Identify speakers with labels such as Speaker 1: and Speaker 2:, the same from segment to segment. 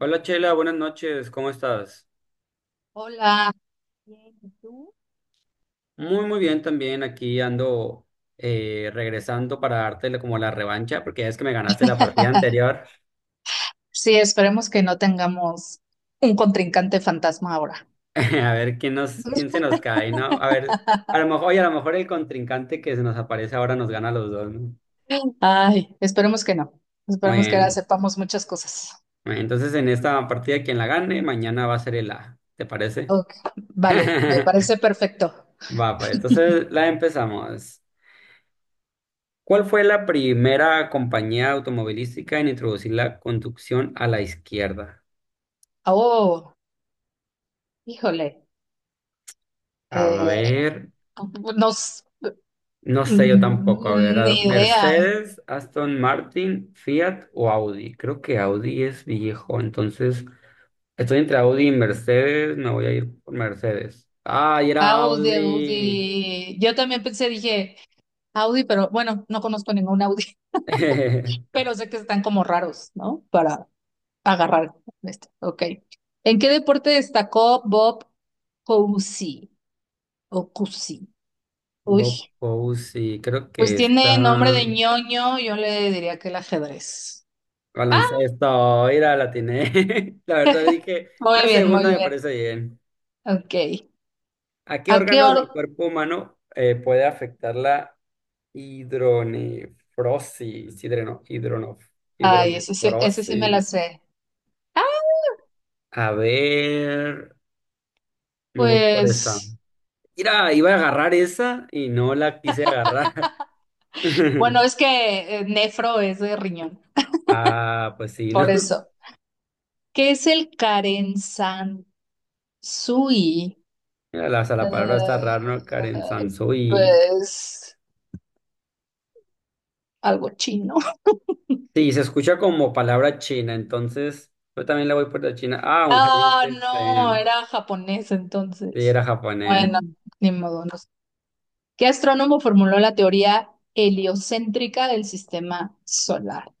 Speaker 1: Hola Chela, buenas noches, ¿cómo estás?
Speaker 2: Hola. Bien, ¿y tú?
Speaker 1: Muy, muy bien también, aquí ando regresando para darte como la revancha, porque ya es que me ganaste la partida anterior.
Speaker 2: Sí, esperemos que no tengamos un contrincante fantasma ahora.
Speaker 1: A ver quién se nos cae, ¿no? A ver, a lo mejor, oye, a lo mejor el contrincante que se nos aparece ahora nos gana a los dos, ¿no?
Speaker 2: Ay, esperemos que no.
Speaker 1: Muy
Speaker 2: Esperemos que ahora
Speaker 1: bien.
Speaker 2: sepamos muchas cosas.
Speaker 1: Bueno, entonces en esta partida quien la gane, mañana va a ser el A, ¿te parece?
Speaker 2: Ok, vale, me parece perfecto.
Speaker 1: Va, pues entonces la empezamos. ¿Cuál fue la primera compañía automovilística en introducir la conducción a la izquierda?
Speaker 2: Oh, híjole,
Speaker 1: A
Speaker 2: eh,
Speaker 1: ver,
Speaker 2: nos,
Speaker 1: no sé yo tampoco. A ver,
Speaker 2: ni idea.
Speaker 1: Mercedes, Aston Martin, Fiat o Audi. Creo que Audi es viejo, entonces estoy entre Audi y Mercedes. Me voy a ir por Mercedes. ¡Ay, era
Speaker 2: Audi,
Speaker 1: Audi!
Speaker 2: Audi. Yo también pensé, dije Audi, pero bueno, no conozco ningún Audi. Pero sé que están como raros, ¿no? Para agarrar. Con este, ok. ¿En qué deporte destacó Bob Cousy? O Cousy.
Speaker 1: Bob
Speaker 2: Uy,
Speaker 1: Fousey, creo
Speaker 2: pues
Speaker 1: que
Speaker 2: tiene
Speaker 1: está
Speaker 2: nombre de ñoño, yo le diría que el ajedrez. Ah,
Speaker 1: baloncesto. Mira, la tiene. La verdad dije,
Speaker 2: muy
Speaker 1: la
Speaker 2: bien, muy
Speaker 1: segunda me
Speaker 2: bien.
Speaker 1: parece bien.
Speaker 2: Ok.
Speaker 1: ¿A qué
Speaker 2: ¿A qué
Speaker 1: órganos
Speaker 2: hora?
Speaker 1: del cuerpo humano puede afectar la hidronefrosis?
Speaker 2: Ay, ese sí me la
Speaker 1: Hidronefrosis.
Speaker 2: sé. Ah,
Speaker 1: A ver, me voy por esta.
Speaker 2: pues,
Speaker 1: Mira, iba a agarrar esa y no la quise agarrar.
Speaker 2: bueno, es que nefro es de riñón,
Speaker 1: Ah, pues sí, ¿no?
Speaker 2: por eso. ¿Qué es el Karensansui?
Speaker 1: Mira, la, o sea, la palabra está rara, ¿no? Karen
Speaker 2: Eh,
Speaker 1: Sansu y
Speaker 2: pues algo chino.
Speaker 1: sí, se escucha como palabra china, entonces yo también la voy por la china. Ah, un jardín
Speaker 2: Ah,
Speaker 1: de
Speaker 2: no,
Speaker 1: Zen.
Speaker 2: era japonés
Speaker 1: Sí,
Speaker 2: entonces.
Speaker 1: era japonés.
Speaker 2: Bueno. Mm, ni modo, no sé. ¿Qué astrónomo formuló la teoría heliocéntrica del sistema solar?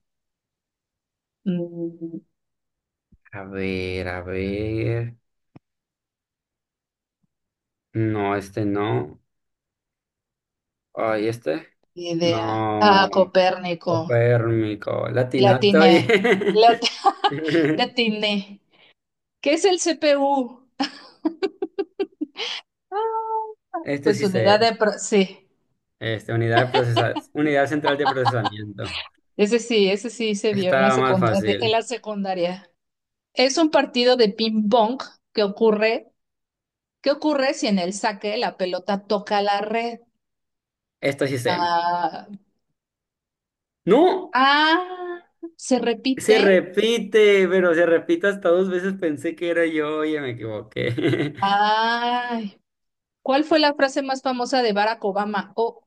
Speaker 2: Mm,
Speaker 1: A ver, a ver. No, este no. Ay, este.
Speaker 2: ni idea. Ah,
Speaker 1: No.
Speaker 2: Copérnico.
Speaker 1: Copérnico.
Speaker 2: La
Speaker 1: Latinato.
Speaker 2: atiné.
Speaker 1: Oye.
Speaker 2: La at- la atiné. ¿Qué es el CPU?
Speaker 1: Este
Speaker 2: Pues
Speaker 1: sí
Speaker 2: unidad
Speaker 1: sé.
Speaker 2: de... pro- sí,
Speaker 1: Este, unidad central de procesamiento.
Speaker 2: ese sí, ese sí se
Speaker 1: Este
Speaker 2: vio en la
Speaker 1: estaba más
Speaker 2: secundaria, en
Speaker 1: fácil.
Speaker 2: la secundaria. Es un partido de ping-pong que ocurre. ¿Qué ocurre si en el saque la pelota toca la red?
Speaker 1: Esto sí sé.
Speaker 2: Ah,
Speaker 1: ¡No!
Speaker 2: ah, se
Speaker 1: Se
Speaker 2: repite.
Speaker 1: repite, pero se repite hasta dos veces. Pensé que era yo. Oye, me equivoqué.
Speaker 2: Ay, ¿cuál fue la frase más famosa de Barack Obama? Oh,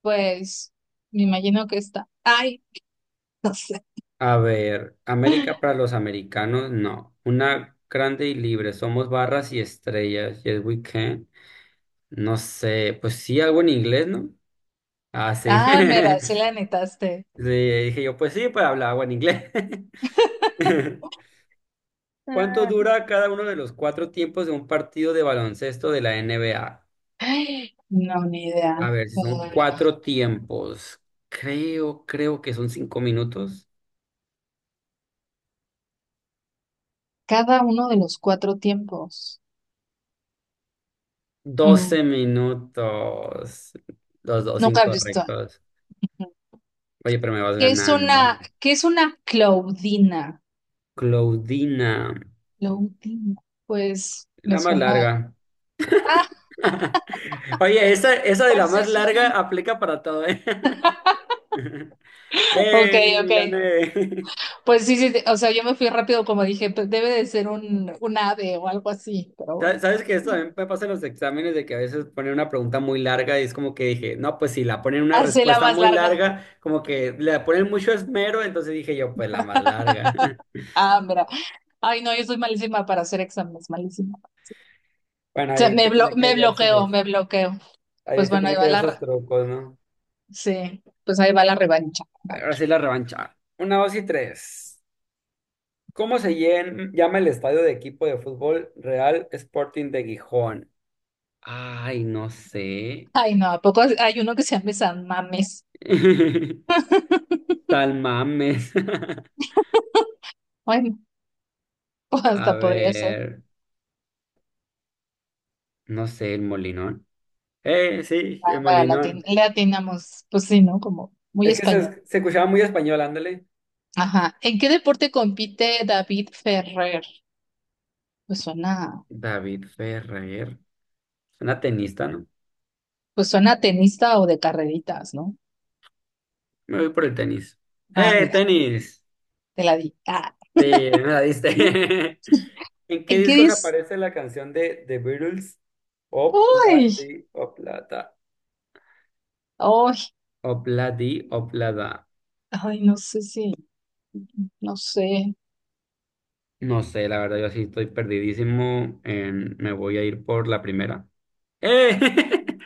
Speaker 2: pues me imagino que está. Ay, no sé.
Speaker 1: A ver, América para los americanos, no. Una grande y libre, somos barras y estrellas, yes we can. No sé, pues sí, algo en inglés, ¿no? Ah, sí.
Speaker 2: Ah, mira, sí la netaste.
Speaker 1: Le dije yo, pues sí, pues hablaba en inglés. ¿Cuánto
Speaker 2: Ah,
Speaker 1: dura cada uno de los cuatro tiempos de un partido de baloncesto de la NBA? A
Speaker 2: ay, no, ni idea.
Speaker 1: A ver, si son
Speaker 2: Ah,
Speaker 1: cuatro tiempos, creo que son 5 minutos.
Speaker 2: cada uno de los cuatro tiempos. Mm,
Speaker 1: 12 minutos. Los dos
Speaker 2: nunca he visto.
Speaker 1: incorrectos. Oye, pero me vas ganando.
Speaker 2: Qué es una Claudina?
Speaker 1: Claudina,
Speaker 2: Lo último, pues me
Speaker 1: la más
Speaker 2: suena.
Speaker 1: larga.
Speaker 2: Ah,
Speaker 1: Oye, esa de la
Speaker 2: pues sí,
Speaker 1: más
Speaker 2: sí, sí.
Speaker 1: larga aplica para todo, ¿eh?
Speaker 2: Ok,
Speaker 1: ¡Eh!
Speaker 2: ok.
Speaker 1: Gané.
Speaker 2: Pues sí, sí, sí, o sea, yo me fui rápido como dije, pues debe de ser un ave o algo así, pero bueno.
Speaker 1: ¿Sabes que esto también me pasa en los exámenes de que a veces ponen una pregunta muy larga y es como que dije, no, pues si la ponen una
Speaker 2: Hace la
Speaker 1: respuesta
Speaker 2: más
Speaker 1: muy
Speaker 2: larga.
Speaker 1: larga, como que le ponen mucho esmero, entonces dije yo, pues la más larga?
Speaker 2: Ah, mira. Ay, no, yo soy malísima para hacer exámenes, malísima.
Speaker 1: Bueno,
Speaker 2: O sea, me, blo- me bloqueo, me bloqueo.
Speaker 1: ahí
Speaker 2: Pues
Speaker 1: se
Speaker 2: bueno, ahí
Speaker 1: tiene que
Speaker 2: va
Speaker 1: hallar
Speaker 2: la, re-
Speaker 1: sus trucos, ¿no?
Speaker 2: sí, pues ahí va la revancha. A ver.
Speaker 1: Ahora sí la revancha. Una, dos y tres. ¿Cómo llama el estadio de equipo de fútbol Real Sporting de Gijón? Ay, no sé.
Speaker 2: Ay, no, ¿a poco hay uno que se llame San Mames?
Speaker 1: Tal mames.
Speaker 2: Bueno,
Speaker 1: A
Speaker 2: hasta podría ser.
Speaker 1: ver, no sé, el Molinón. Sí,
Speaker 2: Ah,
Speaker 1: el
Speaker 2: mira, le atin-
Speaker 1: Molinón.
Speaker 2: le atinamos, pues sí, ¿no? Como muy
Speaker 1: Es que
Speaker 2: español.
Speaker 1: se escuchaba muy español, ándale.
Speaker 2: Ajá. ¿En qué deporte compite David Ferrer? Pues suena,
Speaker 1: David Ferrer, una tenista, ¿no?
Speaker 2: pues suena a tenista o de carreritas, ¿no?
Speaker 1: Me voy por el tenis.
Speaker 2: Ah,
Speaker 1: ¡Eh,
Speaker 2: mira,
Speaker 1: tenis!
Speaker 2: te la di. Ah,
Speaker 1: Sí, me la diste.
Speaker 2: ¿no?
Speaker 1: ¿En qué
Speaker 2: ¿En qué
Speaker 1: discos
Speaker 2: dis?
Speaker 1: aparece la canción de The Beatles?
Speaker 2: ¡Ay!
Speaker 1: Obladi, oblada,
Speaker 2: ¡Ay!
Speaker 1: obladi, oblada.
Speaker 2: ¡Ay! No sé si, no sé.
Speaker 1: No sé, la verdad, yo sí estoy perdidísimo. Me voy a ir por la primera. ¡Eh!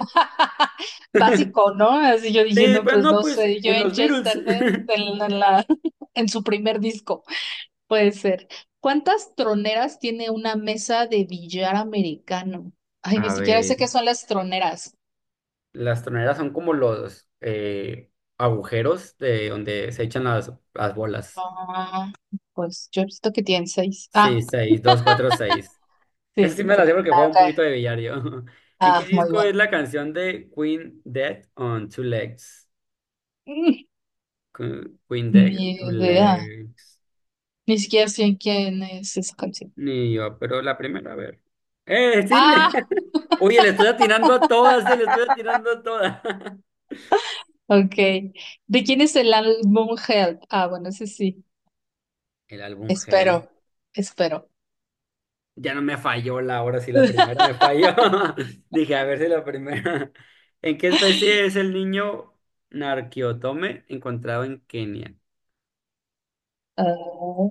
Speaker 2: Básico, ¿no? Así yo dije,
Speaker 1: Sí,
Speaker 2: no,
Speaker 1: pues
Speaker 2: pues
Speaker 1: no,
Speaker 2: no
Speaker 1: pues
Speaker 2: sé. Yo
Speaker 1: en
Speaker 2: en
Speaker 1: los Beatles.
Speaker 2: Chester, de la- en la- en su primer disco, puede ser. ¿Cuántas troneras tiene una mesa de billar americano? Ay, ni
Speaker 1: A
Speaker 2: siquiera sé qué
Speaker 1: ver,
Speaker 2: son las troneras.
Speaker 1: las troneras son como los agujeros de donde se echan las bolas.
Speaker 2: Ah, pues yo he visto que tienen seis.
Speaker 1: Sí,
Speaker 2: Ah,
Speaker 1: seis, dos, cuatro, seis. Esa sí
Speaker 2: sí,
Speaker 1: me
Speaker 2: sí,
Speaker 1: la sé porque
Speaker 2: ah,
Speaker 1: juego
Speaker 2: ok.
Speaker 1: un poquito de billar yo. ¿En
Speaker 2: Ah,
Speaker 1: qué
Speaker 2: muy
Speaker 1: disco
Speaker 2: bien.
Speaker 1: es la canción de Queen Dead on Two Legs? Queen
Speaker 2: Mm,
Speaker 1: Dead,
Speaker 2: ni
Speaker 1: Two
Speaker 2: idea.
Speaker 1: Legs.
Speaker 2: Ni siquiera sé quién es esa canción.
Speaker 1: Ni yo, pero la primera, a ver. ¡Eh, sí!
Speaker 2: Ah,
Speaker 1: Oye, le estoy atinando a todas, le estoy atinando a todas.
Speaker 2: ok. ¿De quién es el álbum Help? Ah, bueno, ese sí.
Speaker 1: El álbum Help.
Speaker 2: Espero, espero.
Speaker 1: Ya no me falló la ahora sí, la primera me falló. Dije, a ver si la primera. ¿En qué especie es el niño Narquiotome encontrado en Kenia?
Speaker 2: Ah,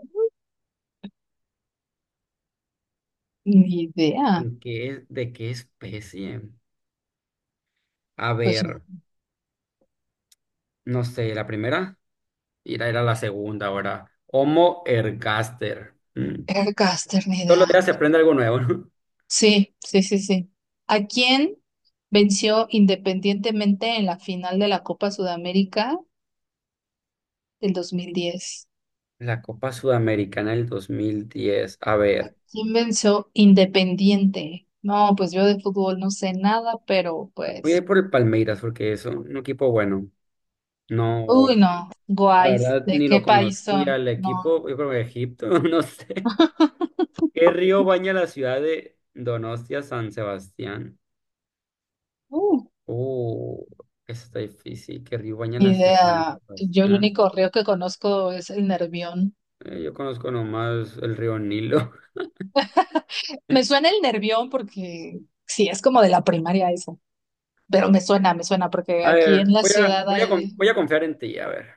Speaker 2: ni idea.
Speaker 1: ¿En qué, de qué especie? A
Speaker 2: Pues
Speaker 1: ver, no sé, la primera era la segunda ahora. Homo ergaster. Mm.
Speaker 2: Aircaster, ni
Speaker 1: Todos los
Speaker 2: idea.
Speaker 1: días se aprende algo nuevo, ¿no?
Speaker 2: Sí, sí, sí, sí. ¿A quién venció independientemente en la final de la Copa Sudamérica del 2010?
Speaker 1: La Copa Sudamericana del 2010. A ver,
Speaker 2: ¿Quién venció Independiente? No, pues yo de fútbol no sé nada, pero
Speaker 1: voy a
Speaker 2: pues,
Speaker 1: ir por el Palmeiras porque es un equipo bueno. No,
Speaker 2: uy, no,
Speaker 1: la
Speaker 2: guays,
Speaker 1: verdad
Speaker 2: ¿de
Speaker 1: ni lo
Speaker 2: qué país
Speaker 1: conocía
Speaker 2: son?
Speaker 1: el
Speaker 2: No,
Speaker 1: equipo. Yo creo que Egipto, no sé. ¿Qué río baña la ciudad de Donostia, San Sebastián?
Speaker 2: uh,
Speaker 1: Uh, eso está difícil. ¿Qué río baña
Speaker 2: ni
Speaker 1: la ciudad de Donostia,
Speaker 2: idea.
Speaker 1: San
Speaker 2: Yo el
Speaker 1: Sebastián?
Speaker 2: único río que conozco es el Nervión.
Speaker 1: Yo conozco nomás el río Nilo.
Speaker 2: Me suena el Nervión porque sí, es como de la primaria eso, pero me suena porque
Speaker 1: A
Speaker 2: aquí en
Speaker 1: ver,
Speaker 2: la ciudad hay...
Speaker 1: voy a confiar en ti, a ver.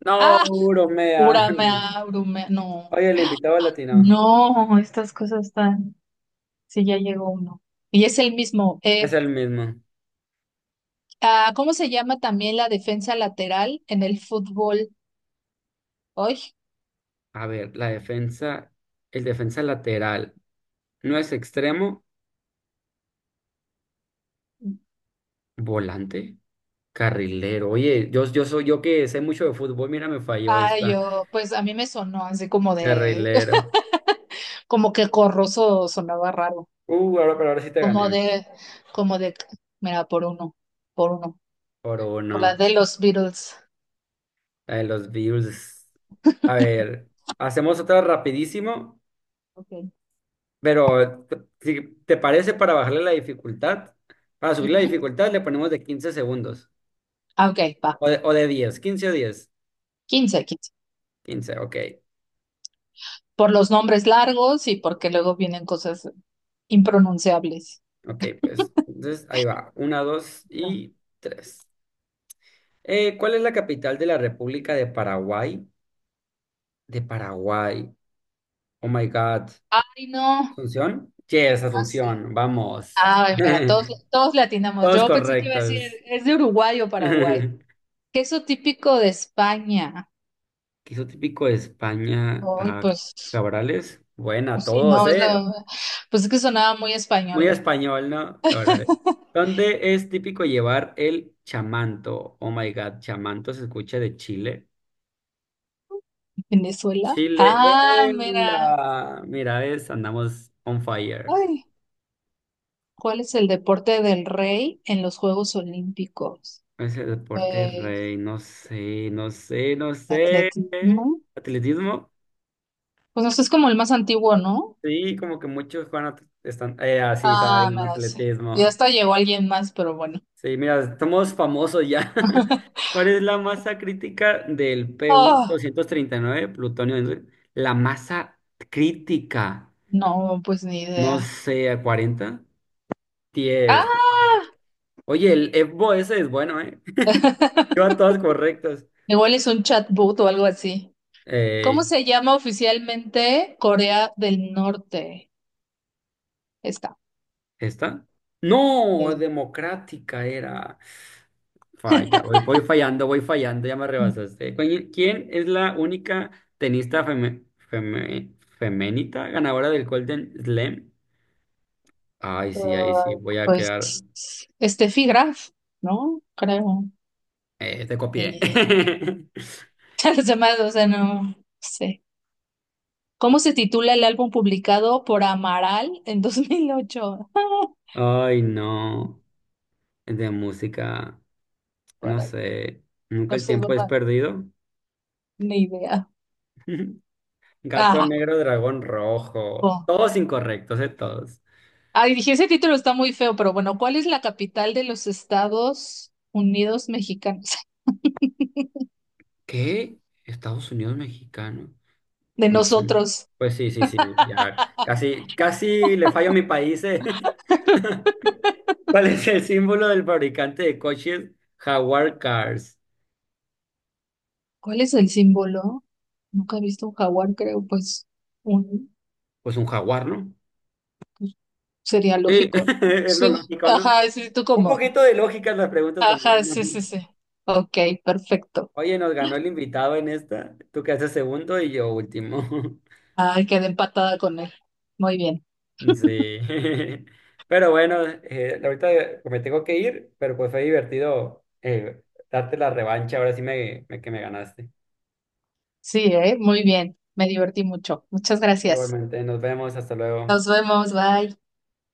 Speaker 1: No,
Speaker 2: Ah,
Speaker 1: bromea.
Speaker 2: Uramea, Urumea, no,
Speaker 1: Oye, el invitado latino
Speaker 2: no, estas cosas están... Sí, ya llegó uno. Y es el mismo.
Speaker 1: es el mismo.
Speaker 2: Ah, ¿cómo se llama también la defensa lateral en el fútbol hoy?
Speaker 1: A ver, la defensa, el defensa lateral, no es extremo, volante, carrilero. Oye, yo soy yo que sé mucho de fútbol, mira, me falló
Speaker 2: Ah,
Speaker 1: esta.
Speaker 2: yo, pues a mí me sonó así como de,
Speaker 1: Carrilero.
Speaker 2: como que Corroso sonaba raro,
Speaker 1: Ahora, pero ahora sí te
Speaker 2: como
Speaker 1: gané.
Speaker 2: de, como de, mira, por uno, por uno,
Speaker 1: Por
Speaker 2: por la
Speaker 1: uno.
Speaker 2: de los Beatles.
Speaker 1: La de los Bills. A ver, hacemos otra rapidísimo.
Speaker 2: Okay,
Speaker 1: Pero si te parece, para bajarle la dificultad, para subir la
Speaker 2: ujú.
Speaker 1: dificultad le ponemos de 15 segundos
Speaker 2: Ah, ok, va,
Speaker 1: o de diez quince
Speaker 2: 15, 15.
Speaker 1: ok,
Speaker 2: Por los nombres largos y porque luego vienen cosas impronunciables.
Speaker 1: ok, pues entonces ahí va, uno dos y tres. ¿Cuál es la capital de la República de Paraguay? De Paraguay, oh my God,
Speaker 2: Ay, no,
Speaker 1: ¿Asunción? Yes,
Speaker 2: así.
Speaker 1: Asunción, vamos.
Speaker 2: Ah, mira, todos, todos le atinamos.
Speaker 1: Todos
Speaker 2: Yo pensé que iba a decir,
Speaker 1: correctos.
Speaker 2: es de Uruguay o Paraguay.
Speaker 1: ¿Qué
Speaker 2: Queso típico de España.
Speaker 1: es lo típico de España?
Speaker 2: Uy,
Speaker 1: A
Speaker 2: pues,
Speaker 1: Cabrales, buena,
Speaker 2: pues sí,
Speaker 1: todos,
Speaker 2: no, es
Speaker 1: ¿eh?
Speaker 2: lo, pues es que sonaba muy
Speaker 1: Muy
Speaker 2: español.
Speaker 1: español, ¿no? Cabrón. ¿Dónde es típico llevar el chamanto? Oh my God, chamanto se escucha de Chile.
Speaker 2: Venezuela.
Speaker 1: Chile.
Speaker 2: Ah, mira.
Speaker 1: ¡Venga! Mira, ves, andamos on fire.
Speaker 2: Ay, ¿cuál es el deporte del rey en los Juegos Olímpicos?
Speaker 1: Ese deporte
Speaker 2: Pues,
Speaker 1: rey, no sé, no sé, no sé.
Speaker 2: atletismo.
Speaker 1: ¿Atletismo?
Speaker 2: Pues no sé, es como el más antiguo, ¿no?
Speaker 1: Sí, como que muchos están. Ah, sí, estaba
Speaker 2: Ah,
Speaker 1: bien,
Speaker 2: mira, sí. Ya
Speaker 1: atletismo.
Speaker 2: hasta llegó alguien más, pero bueno.
Speaker 1: Sí, mira, estamos famosos ya. ¿Cuál es la masa crítica del pu
Speaker 2: Oh,
Speaker 1: nueve plutonio? La masa crítica,
Speaker 2: no, pues ni
Speaker 1: no
Speaker 2: idea.
Speaker 1: sé, 40
Speaker 2: Ah,
Speaker 1: 10. Oye, el EBO ese es bueno, ¿eh? Lleva todas correctas.
Speaker 2: igual es un chatbot o algo así. ¿Cómo se llama oficialmente Corea del Norte? Está
Speaker 1: ¿Esta? No,
Speaker 2: bien.
Speaker 1: democrática era. Falla, voy fallando, ya me rebasaste. ¿Quién es la única tenista femenita ganadora del Golden Slam? Ay, sí, ahí sí,
Speaker 2: Ay,
Speaker 1: voy a
Speaker 2: pues
Speaker 1: quedar.
Speaker 2: Steffi Graf, ¿no? Creo.
Speaker 1: Te copié.
Speaker 2: Eh, los demás, o sea, no sé. ¿Cómo se titula el álbum publicado por Amaral en 2008?
Speaker 1: Ay, no, de música, no
Speaker 2: Para,
Speaker 1: sé, nunca
Speaker 2: no
Speaker 1: el
Speaker 2: sé,
Speaker 1: tiempo es
Speaker 2: ¿verdad?
Speaker 1: perdido.
Speaker 2: Ni idea.
Speaker 1: Gato
Speaker 2: Ah,
Speaker 1: negro, dragón rojo,
Speaker 2: oh.
Speaker 1: todos incorrectos, todos.
Speaker 2: Ay, dije, ese título está muy feo, pero bueno, ¿cuál es la capital de los Estados Unidos mexicanos?
Speaker 1: ¿Qué? Estados Unidos mexicano.
Speaker 2: De
Speaker 1: Me suena.
Speaker 2: nosotros.
Speaker 1: Pues sí, sí, sí. Ya casi, casi le fallo a mi país, eh. ¿Cuál es el símbolo del fabricante de coches Jaguar Cars?
Speaker 2: ¿Cuál es el símbolo? Nunca he visto un jaguar, creo, pues un
Speaker 1: Pues un jaguar, ¿no?
Speaker 2: sería
Speaker 1: Sí,
Speaker 2: lógico, ¿no?
Speaker 1: es lo
Speaker 2: Sí,
Speaker 1: lógico, ¿no?
Speaker 2: ajá, sí, tú
Speaker 1: Un
Speaker 2: como.
Speaker 1: poquito de lógica en las preguntas
Speaker 2: Ajá,
Speaker 1: también, ¿no?
Speaker 2: sí, sí, sí. Ok, perfecto.
Speaker 1: Oye, nos ganó el invitado en esta. Tú quedaste segundo y yo último.
Speaker 2: Ay, quedé empatada con él. Muy bien.
Speaker 1: Sí. Pero bueno, ahorita me tengo que ir, pero pues fue divertido darte la revancha. Ahora sí que me ganaste.
Speaker 2: Sí, ¿eh? Muy bien. Me divertí mucho. Muchas gracias.
Speaker 1: Igualmente, nos vemos, hasta luego.
Speaker 2: Nos vemos, bye.